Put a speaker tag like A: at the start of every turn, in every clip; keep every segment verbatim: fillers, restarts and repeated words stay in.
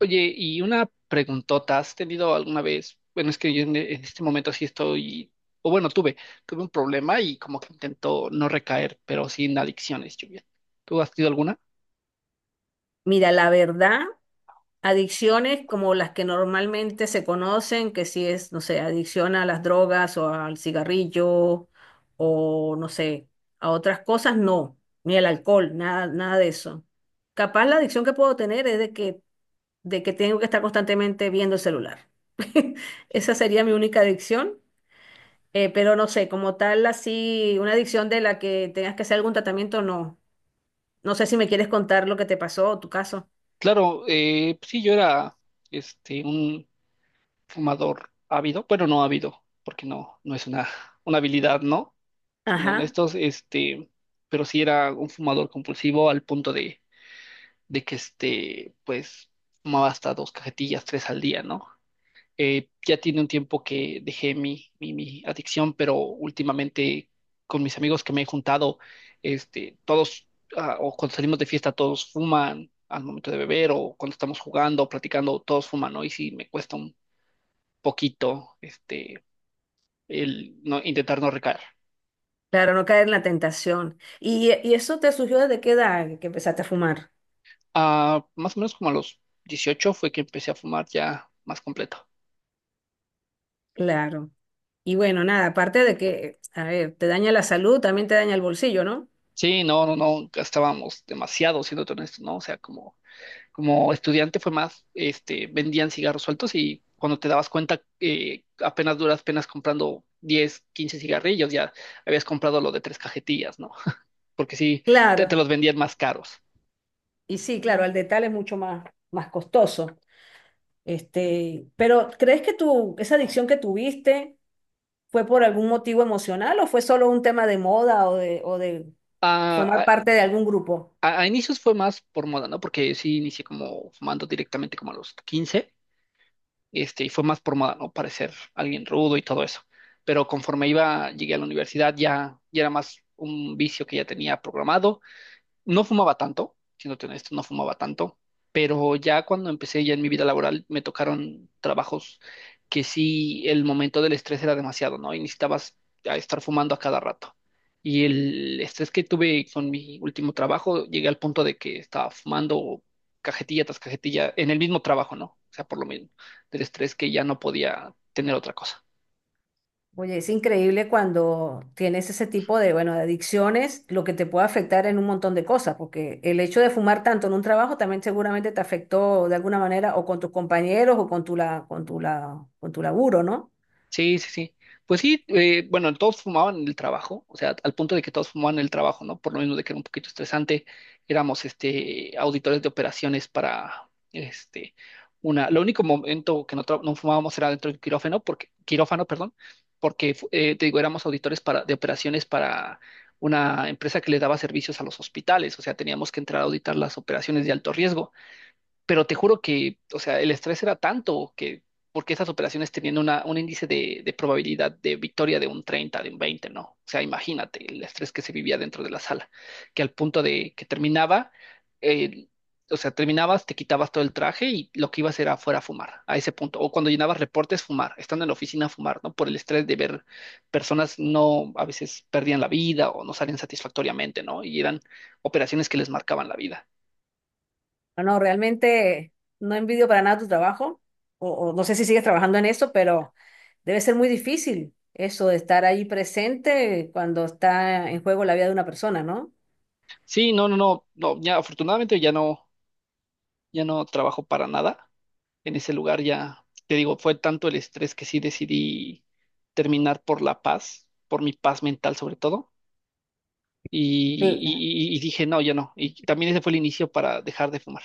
A: Oye, y una preguntota, ¿has tenido alguna vez? Bueno, es que yo en, en este momento sí estoy, o bueno, tuve, tuve un problema y como que intento no recaer, pero sin adicciones, Julián. ¿Tú has tenido alguna?
B: Mira, la verdad, adicciones como las que normalmente se conocen, que si es, no sé, adicción a las drogas o al cigarrillo o no sé, a otras cosas, no, ni el alcohol, nada, nada de eso. Capaz la adicción que puedo tener es de que, de que tengo que estar constantemente viendo el celular. Esa sería mi única adicción, eh, pero no sé, como tal, así, una adicción de la que tengas que hacer algún tratamiento, no. No sé si me quieres contar lo que te pasó o tu caso.
A: Claro, eh, pues sí, yo era este un fumador ávido, bueno, no ávido, porque no, no es una, una habilidad, ¿no? Siendo
B: Ajá.
A: honestos, este, pero sí era un fumador compulsivo al punto de, de que este, pues, fumaba hasta dos cajetillas, tres al día, ¿no? Eh, ya tiene un tiempo que dejé mi, mi, mi adicción, pero últimamente con mis amigos que me he juntado, este, todos, ah, o cuando salimos de fiesta, todos fuman al momento de beber, o cuando estamos jugando, o platicando, todos fuman, ¿no? Y sí, me cuesta un poquito, este, el no, intentar no recaer.
B: Claro, no caer en la tentación. ¿Y, y eso te surgió desde qué edad que empezaste a fumar?
A: Ah, más o menos como a los dieciocho fue que empecé a fumar ya más completo.
B: Claro. Y bueno, nada, aparte de que, a ver, te daña la salud, también te daña el bolsillo, ¿no?
A: Sí, no, no, no, gastábamos demasiado, siendo honesto, ¿no? O sea, como como estudiante fue más, este, vendían cigarros sueltos y cuando te dabas cuenta, eh, apenas duras penas comprando diez quince cigarrillos, ya habías comprado lo de tres cajetillas, ¿no? Porque sí, te, te
B: Claro.
A: los vendían más caros.
B: Y sí, claro, al detalle es mucho más, más costoso. Este, pero ¿crees que tu, esa adicción que tuviste fue por algún motivo emocional o fue solo un tema de moda o de, o de
A: A,
B: formar
A: a-
B: parte de algún grupo?
A: a- inicios fue más por moda, ¿no? Porque sí inicié como fumando directamente como a los quince este, y fue más por moda, ¿no? Parecer alguien rudo y todo eso. Pero conforme iba, llegué a la universidad, ya, ya era más un vicio que ya tenía programado, no fumaba tanto, siéndote honesto, no fumaba tanto, pero ya cuando empecé ya en mi vida laboral me tocaron trabajos que sí el momento del estrés era demasiado, ¿no? Y necesitabas a estar fumando a cada rato. Y el estrés que tuve con mi último trabajo, llegué al punto de que estaba fumando cajetilla tras cajetilla en el mismo trabajo, ¿no? O sea, por lo mismo, del estrés que ya no podía tener otra cosa.
B: Oye, es increíble cuando tienes ese tipo de, bueno, de adicciones, lo que te puede afectar en un montón de cosas, porque el hecho de fumar tanto en un trabajo también seguramente te afectó de alguna manera o con tus compañeros o con tu la, con tu la, con tu laburo, ¿no?
A: Sí, sí, sí. Pues sí, eh, bueno, todos fumaban en el trabajo, o sea, al punto de que todos fumaban en el trabajo, ¿no? Por lo menos de que era un poquito estresante, éramos este, auditores de operaciones para este, una. Lo único momento que no, tra- no fumábamos era dentro del quirófano, porque, quirófano, perdón, porque fu- eh, te digo, éramos auditores para, de operaciones para una empresa que le daba servicios a los hospitales, o sea, teníamos que entrar a auditar las operaciones de alto riesgo, pero te juro que, o sea, el estrés era tanto que, porque esas operaciones tenían una, un índice de, de probabilidad de victoria de un treinta, de un veinte, ¿no? O sea, imagínate el estrés que se vivía dentro de la sala, que al punto de que terminaba, eh, o sea, terminabas, te quitabas todo el traje y lo que ibas era fuera a fumar, a ese punto. O cuando llenabas reportes, fumar, estando en la oficina, fumar, ¿no? Por el estrés de ver personas no, a veces perdían la vida o no salían satisfactoriamente, ¿no? Y eran operaciones que les marcaban la vida.
B: No, no, realmente no envidio para nada tu trabajo, o, o no sé si sigues trabajando en eso, pero debe ser muy difícil eso de estar ahí presente cuando está en juego la vida de una persona, ¿no?
A: Sí, no, no, no, no, ya afortunadamente ya no, ya no trabajo para nada en ese lugar, ya te digo, fue tanto el estrés que sí decidí terminar por la paz, por mi paz mental sobre todo, y,
B: Sí.
A: y- y- y dije, no, ya no, y también ese fue el inicio para dejar de fumar.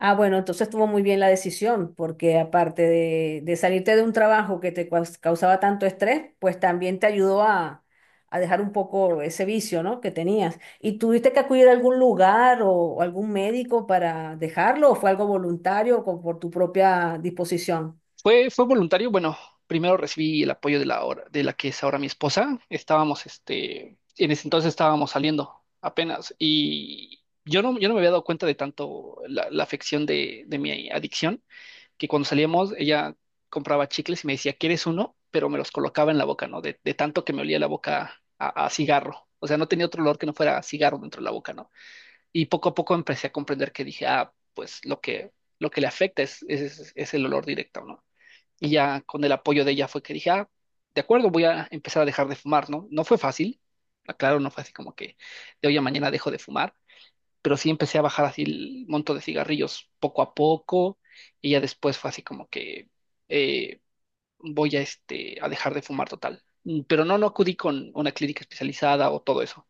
B: Ah, bueno, entonces estuvo muy bien la decisión, porque aparte de, de salirte de un trabajo que te caus- causaba tanto estrés, pues también te ayudó a, a dejar un poco ese vicio, ¿no? que tenías. ¿Y tuviste que acudir a algún lugar o, o algún médico para dejarlo o fue algo voluntario o con- por tu propia disposición?
A: Fue, fue voluntario, bueno, primero recibí el apoyo de la, hora- de la que es ahora mi esposa, estábamos, este, en ese entonces estábamos saliendo apenas, y yo no, yo no me había dado cuenta de tanto la, la afección de de mi adicción que cuando salíamos ella compraba chicles y me decía, ¿quieres uno? Pero me los colocaba en la boca, ¿no? De, de tanto que me olía la boca a, a cigarro. O sea, no tenía otro olor que no fuera cigarro dentro de la boca, ¿no? Y poco a poco empecé a comprender que dije, ah, pues lo que, lo que le afecta es, es, es el olor directo, ¿no? Y ya con el apoyo de ella fue que dije, ah, de acuerdo, voy a empezar a dejar de fumar, ¿no? No fue fácil, claro, no fue así como que de hoy a mañana dejo de fumar, pero sí empecé a bajar así el monto de cigarrillos poco a poco y ya después fue así como que eh, voy a, este, a dejar de fumar total. Mm, Pero no, no acudí con una clínica especializada o todo eso.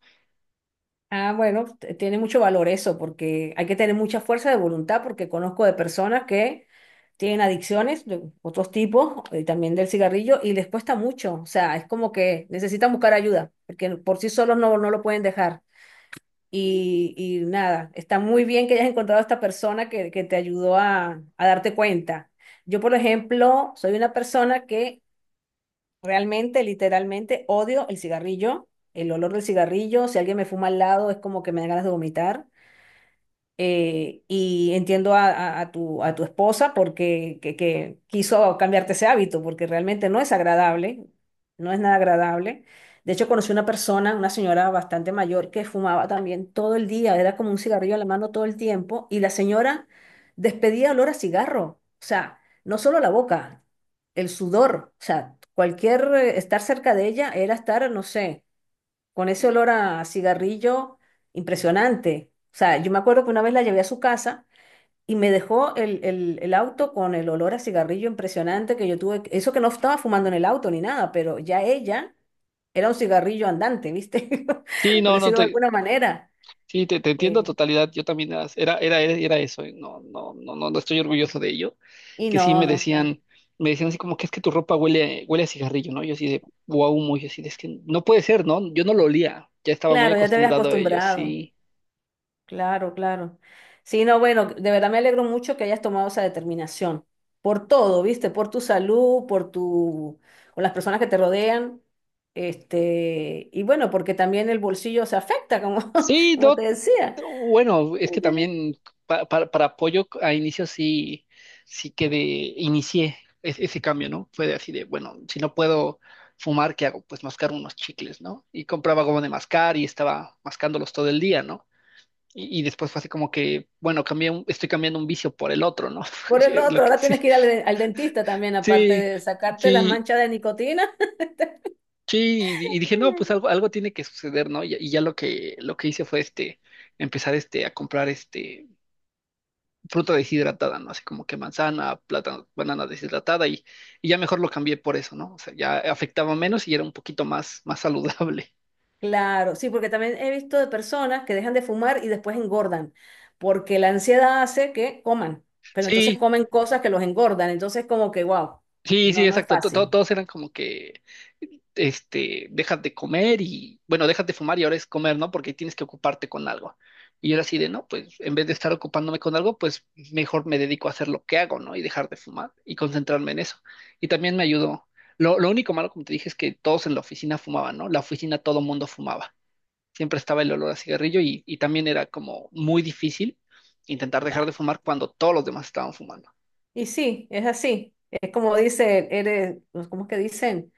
B: Ah, bueno, t- tiene mucho valor eso, porque hay que tener mucha fuerza de voluntad, porque conozco de personas que tienen adicciones de otros tipos, eh, también del cigarrillo, y les cuesta mucho. O sea, es como que necesitan buscar ayuda, porque por sí solos no, no lo pueden dejar. Y, y nada, está muy bien que hayas encontrado a esta persona que, que te ayudó a, a darte cuenta. Yo, por ejemplo, soy una persona que realmente, literalmente, odio el cigarrillo, el olor del cigarrillo. Si alguien me fuma al lado, es como que me dan ganas de vomitar eh, y entiendo a, a- a tu, a tu esposa porque que, que quiso cambiarte ese hábito, porque realmente no es agradable, no es nada agradable. De hecho, conocí una persona, una señora bastante mayor, que fumaba también todo el día, era como un cigarrillo en la mano todo el tiempo, y la señora despedía olor a cigarro, o sea, no solo la boca, el sudor, o sea, cualquier eh, estar cerca de ella era estar, no sé, con ese olor a cigarrillo impresionante. O sea, yo me acuerdo que una vez la llevé a su casa y me dejó el, el, el auto con el olor a cigarrillo impresionante que yo tuve. que- Eso que no estaba fumando en el auto ni nada, pero ya ella era un cigarrillo andante, ¿viste?
A: Sí,
B: Por
A: no, no
B: decirlo de
A: te,
B: alguna manera.
A: sí, te, te entiendo a
B: Eh,
A: totalidad. Yo también era, era, era, era eso. eh, No, no, no, no, no estoy orgulloso de ello.
B: y
A: Que sí
B: no,
A: me
B: no, claro.
A: decían, me decían así como que es que tu ropa huele, huele a cigarrillo, ¿no? Yo así de wow, muy así de, es que no puede ser, ¿no? Yo no lo olía. Ya estaba muy
B: Claro, ya te habías
A: acostumbrado a ello,
B: acostumbrado.
A: sí.
B: Claro, claro. Sí, no, bueno, de verdad me alegro mucho que hayas tomado esa determinación. Por todo, ¿viste? Por tu salud, por tu, por las personas que te rodean. Este, y bueno, porque también el bolsillo se afecta, como,
A: Sí,
B: como te
A: no,
B: decía.
A: bueno, es que también pa- para, para apoyo a inicio sí, sí que de, inicié es- ese cambio, ¿no? Fue de así de, bueno, si no puedo fumar, ¿qué hago? Pues mascar unos chicles, ¿no? Y compraba goma de mascar y estaba mascándolos todo el día, ¿no? Y, y después fue así como que, bueno, cambié un- estoy cambiando un vicio por el otro, ¿no?
B: Por el
A: Sí, lo
B: otro,
A: que,
B: ahora
A: sí,
B: tienes que ir al, al dentista también, aparte
A: sí,
B: de sacarte las
A: sí,
B: manchas de nicotina.
A: sí, y, y dije, no, pues algo, algo tiene que suceder, ¿no? Y, y ya lo que, lo que hice fue este empezar este a comprar este fruta deshidratada, ¿no? Así como que manzana, plátano, banana deshidratada y, y ya mejor lo cambié por eso, ¿no? O sea, ya afectaba menos y era un poquito más, más saludable.
B: Claro, sí, porque también he visto de personas que dejan de fumar y después engordan, porque la ansiedad hace que coman, pero entonces
A: Sí,
B: comen cosas que los engordan, entonces como que, wow,
A: sí,
B: no,
A: sí,
B: no es
A: exacto. To- to-
B: fácil.
A: todos eran como que, este, dejas de comer y, bueno, dejas de fumar y ahora es comer, ¿no? Porque tienes que ocuparte con algo. Y yo era así de, no, pues en vez de estar ocupándome con algo, pues mejor me dedico a hacer lo que hago, ¿no? Y dejar de fumar y concentrarme en eso. Y también me ayudó. Lo, lo único malo, como te dije, es que todos en la oficina fumaban, ¿no? La oficina todo mundo fumaba. Siempre estaba el olor a cigarrillo y, y también era como muy difícil intentar dejar
B: Claro.
A: de fumar cuando todos los demás estaban fumando.
B: Y sí, es así, es como dice, eres, ¿cómo es que dicen?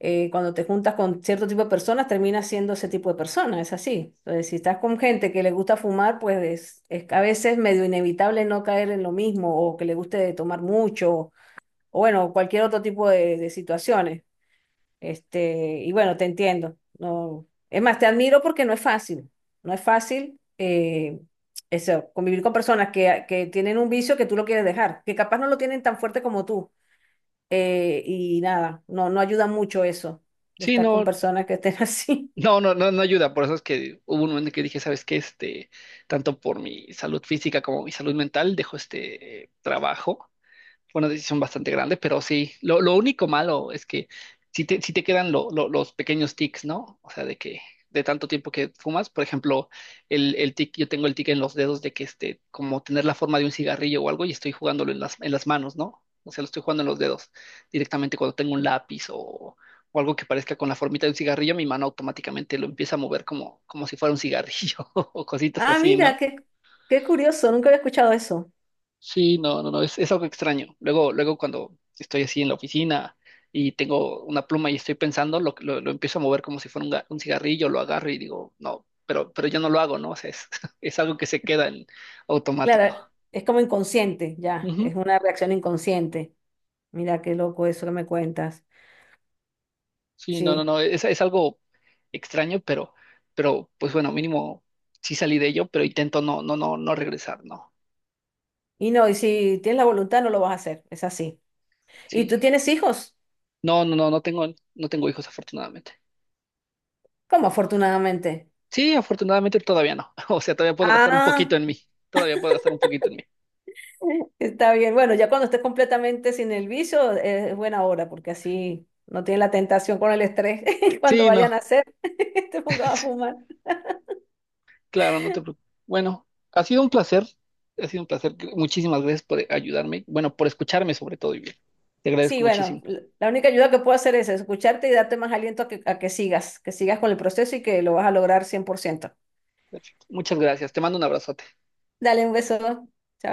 B: Eh, cuando te juntas con cierto tipo de personas, terminas siendo ese tipo de persona, es así. Entonces, si estás con gente que le gusta fumar, pues es, es a veces medio inevitable no caer en lo mismo o que le guste tomar mucho o bueno, cualquier otro tipo de, de situaciones. Este, y bueno, te entiendo. No, es más, te admiro porque no es fácil. No es fácil eh, eso, convivir con personas que, que tienen un vicio que tú lo quieres dejar, que capaz no lo tienen tan fuerte como tú. Eh, y nada, no, no ayuda mucho eso, de
A: Sí,
B: estar con
A: no,
B: personas que estén así.
A: no, no, no, no ayuda. Por eso es que hubo un momento en que dije, ¿sabes qué? Este, tanto por mi salud física como mi salud mental, dejo este eh, trabajo. Bueno, sí son bastante grandes, pero sí, lo, lo único malo es que si te, sí te quedan lo- lo- los pequeños tics, ¿no? O sea, de que de tanto tiempo que fumas, por ejemplo, el, el tic, yo tengo el tic en los dedos de que este, como tener la forma de un cigarrillo o algo y estoy jugándolo en las, en las manos, ¿no? O sea, lo estoy jugando en los dedos directamente cuando tengo un lápiz o, o algo que parezca con la formita de un cigarrillo, mi mano automáticamente lo empieza a mover como, como si fuera un cigarrillo o cositas
B: Ah,
A: así, ¿no?
B: mira, qué, qué curioso, nunca había escuchado eso.
A: Sí, no, no, no, es, es algo extraño. Luego, luego cuando estoy así en la oficina y tengo una pluma y estoy pensando, lo, lo, lo empiezo a mover como si fuera un, ga- un cigarrillo, lo agarro y digo, no, pero, pero yo no lo hago, ¿no? O sea, es, es algo que se queda en automático.
B: Claro, es como inconsciente, ya,
A: Ujú.
B: es una reacción inconsciente. Mira qué loco eso que me cuentas.
A: Sí, no, no,
B: Sí.
A: no, es, es algo extraño, pero, pero pues bueno, mínimo sí salí de ello, pero intento no, no, no, no regresar, ¿no?
B: Y no, y si tienes la voluntad no lo vas a hacer, es así. ¿Y
A: Sí.
B: tú tienes hijos?
A: No, no, no, no tengo, no tengo hijos, afortunadamente.
B: ¿Cómo afortunadamente?
A: Sí, afortunadamente todavía no. O sea, todavía puedo gastar un poquito
B: Ah,
A: en mí. Todavía puedo gastar un poquito en mí.
B: está bien. Bueno, ya cuando estés completamente sin el vicio eh, es buena hora porque así no tienes la tentación con el estrés cuando
A: Sí, no.
B: vayan a hacer, te pongas a fumar.
A: Claro, no te preocupes. Bueno, ha sido un placer. Ha sido un placer. Muchísimas gracias por ayudarme. Bueno, por escucharme sobre todo. Y bien. Te
B: Sí,
A: agradezco
B: bueno,
A: muchísimo.
B: l- la única ayuda que puedo hacer es escucharte y darte más aliento a que, a que sigas, que sigas con el proceso y que lo vas a lograr cien por ciento.
A: Perfecto. Muchas gracias. Te mando un abrazote.
B: Dale un beso. Chao.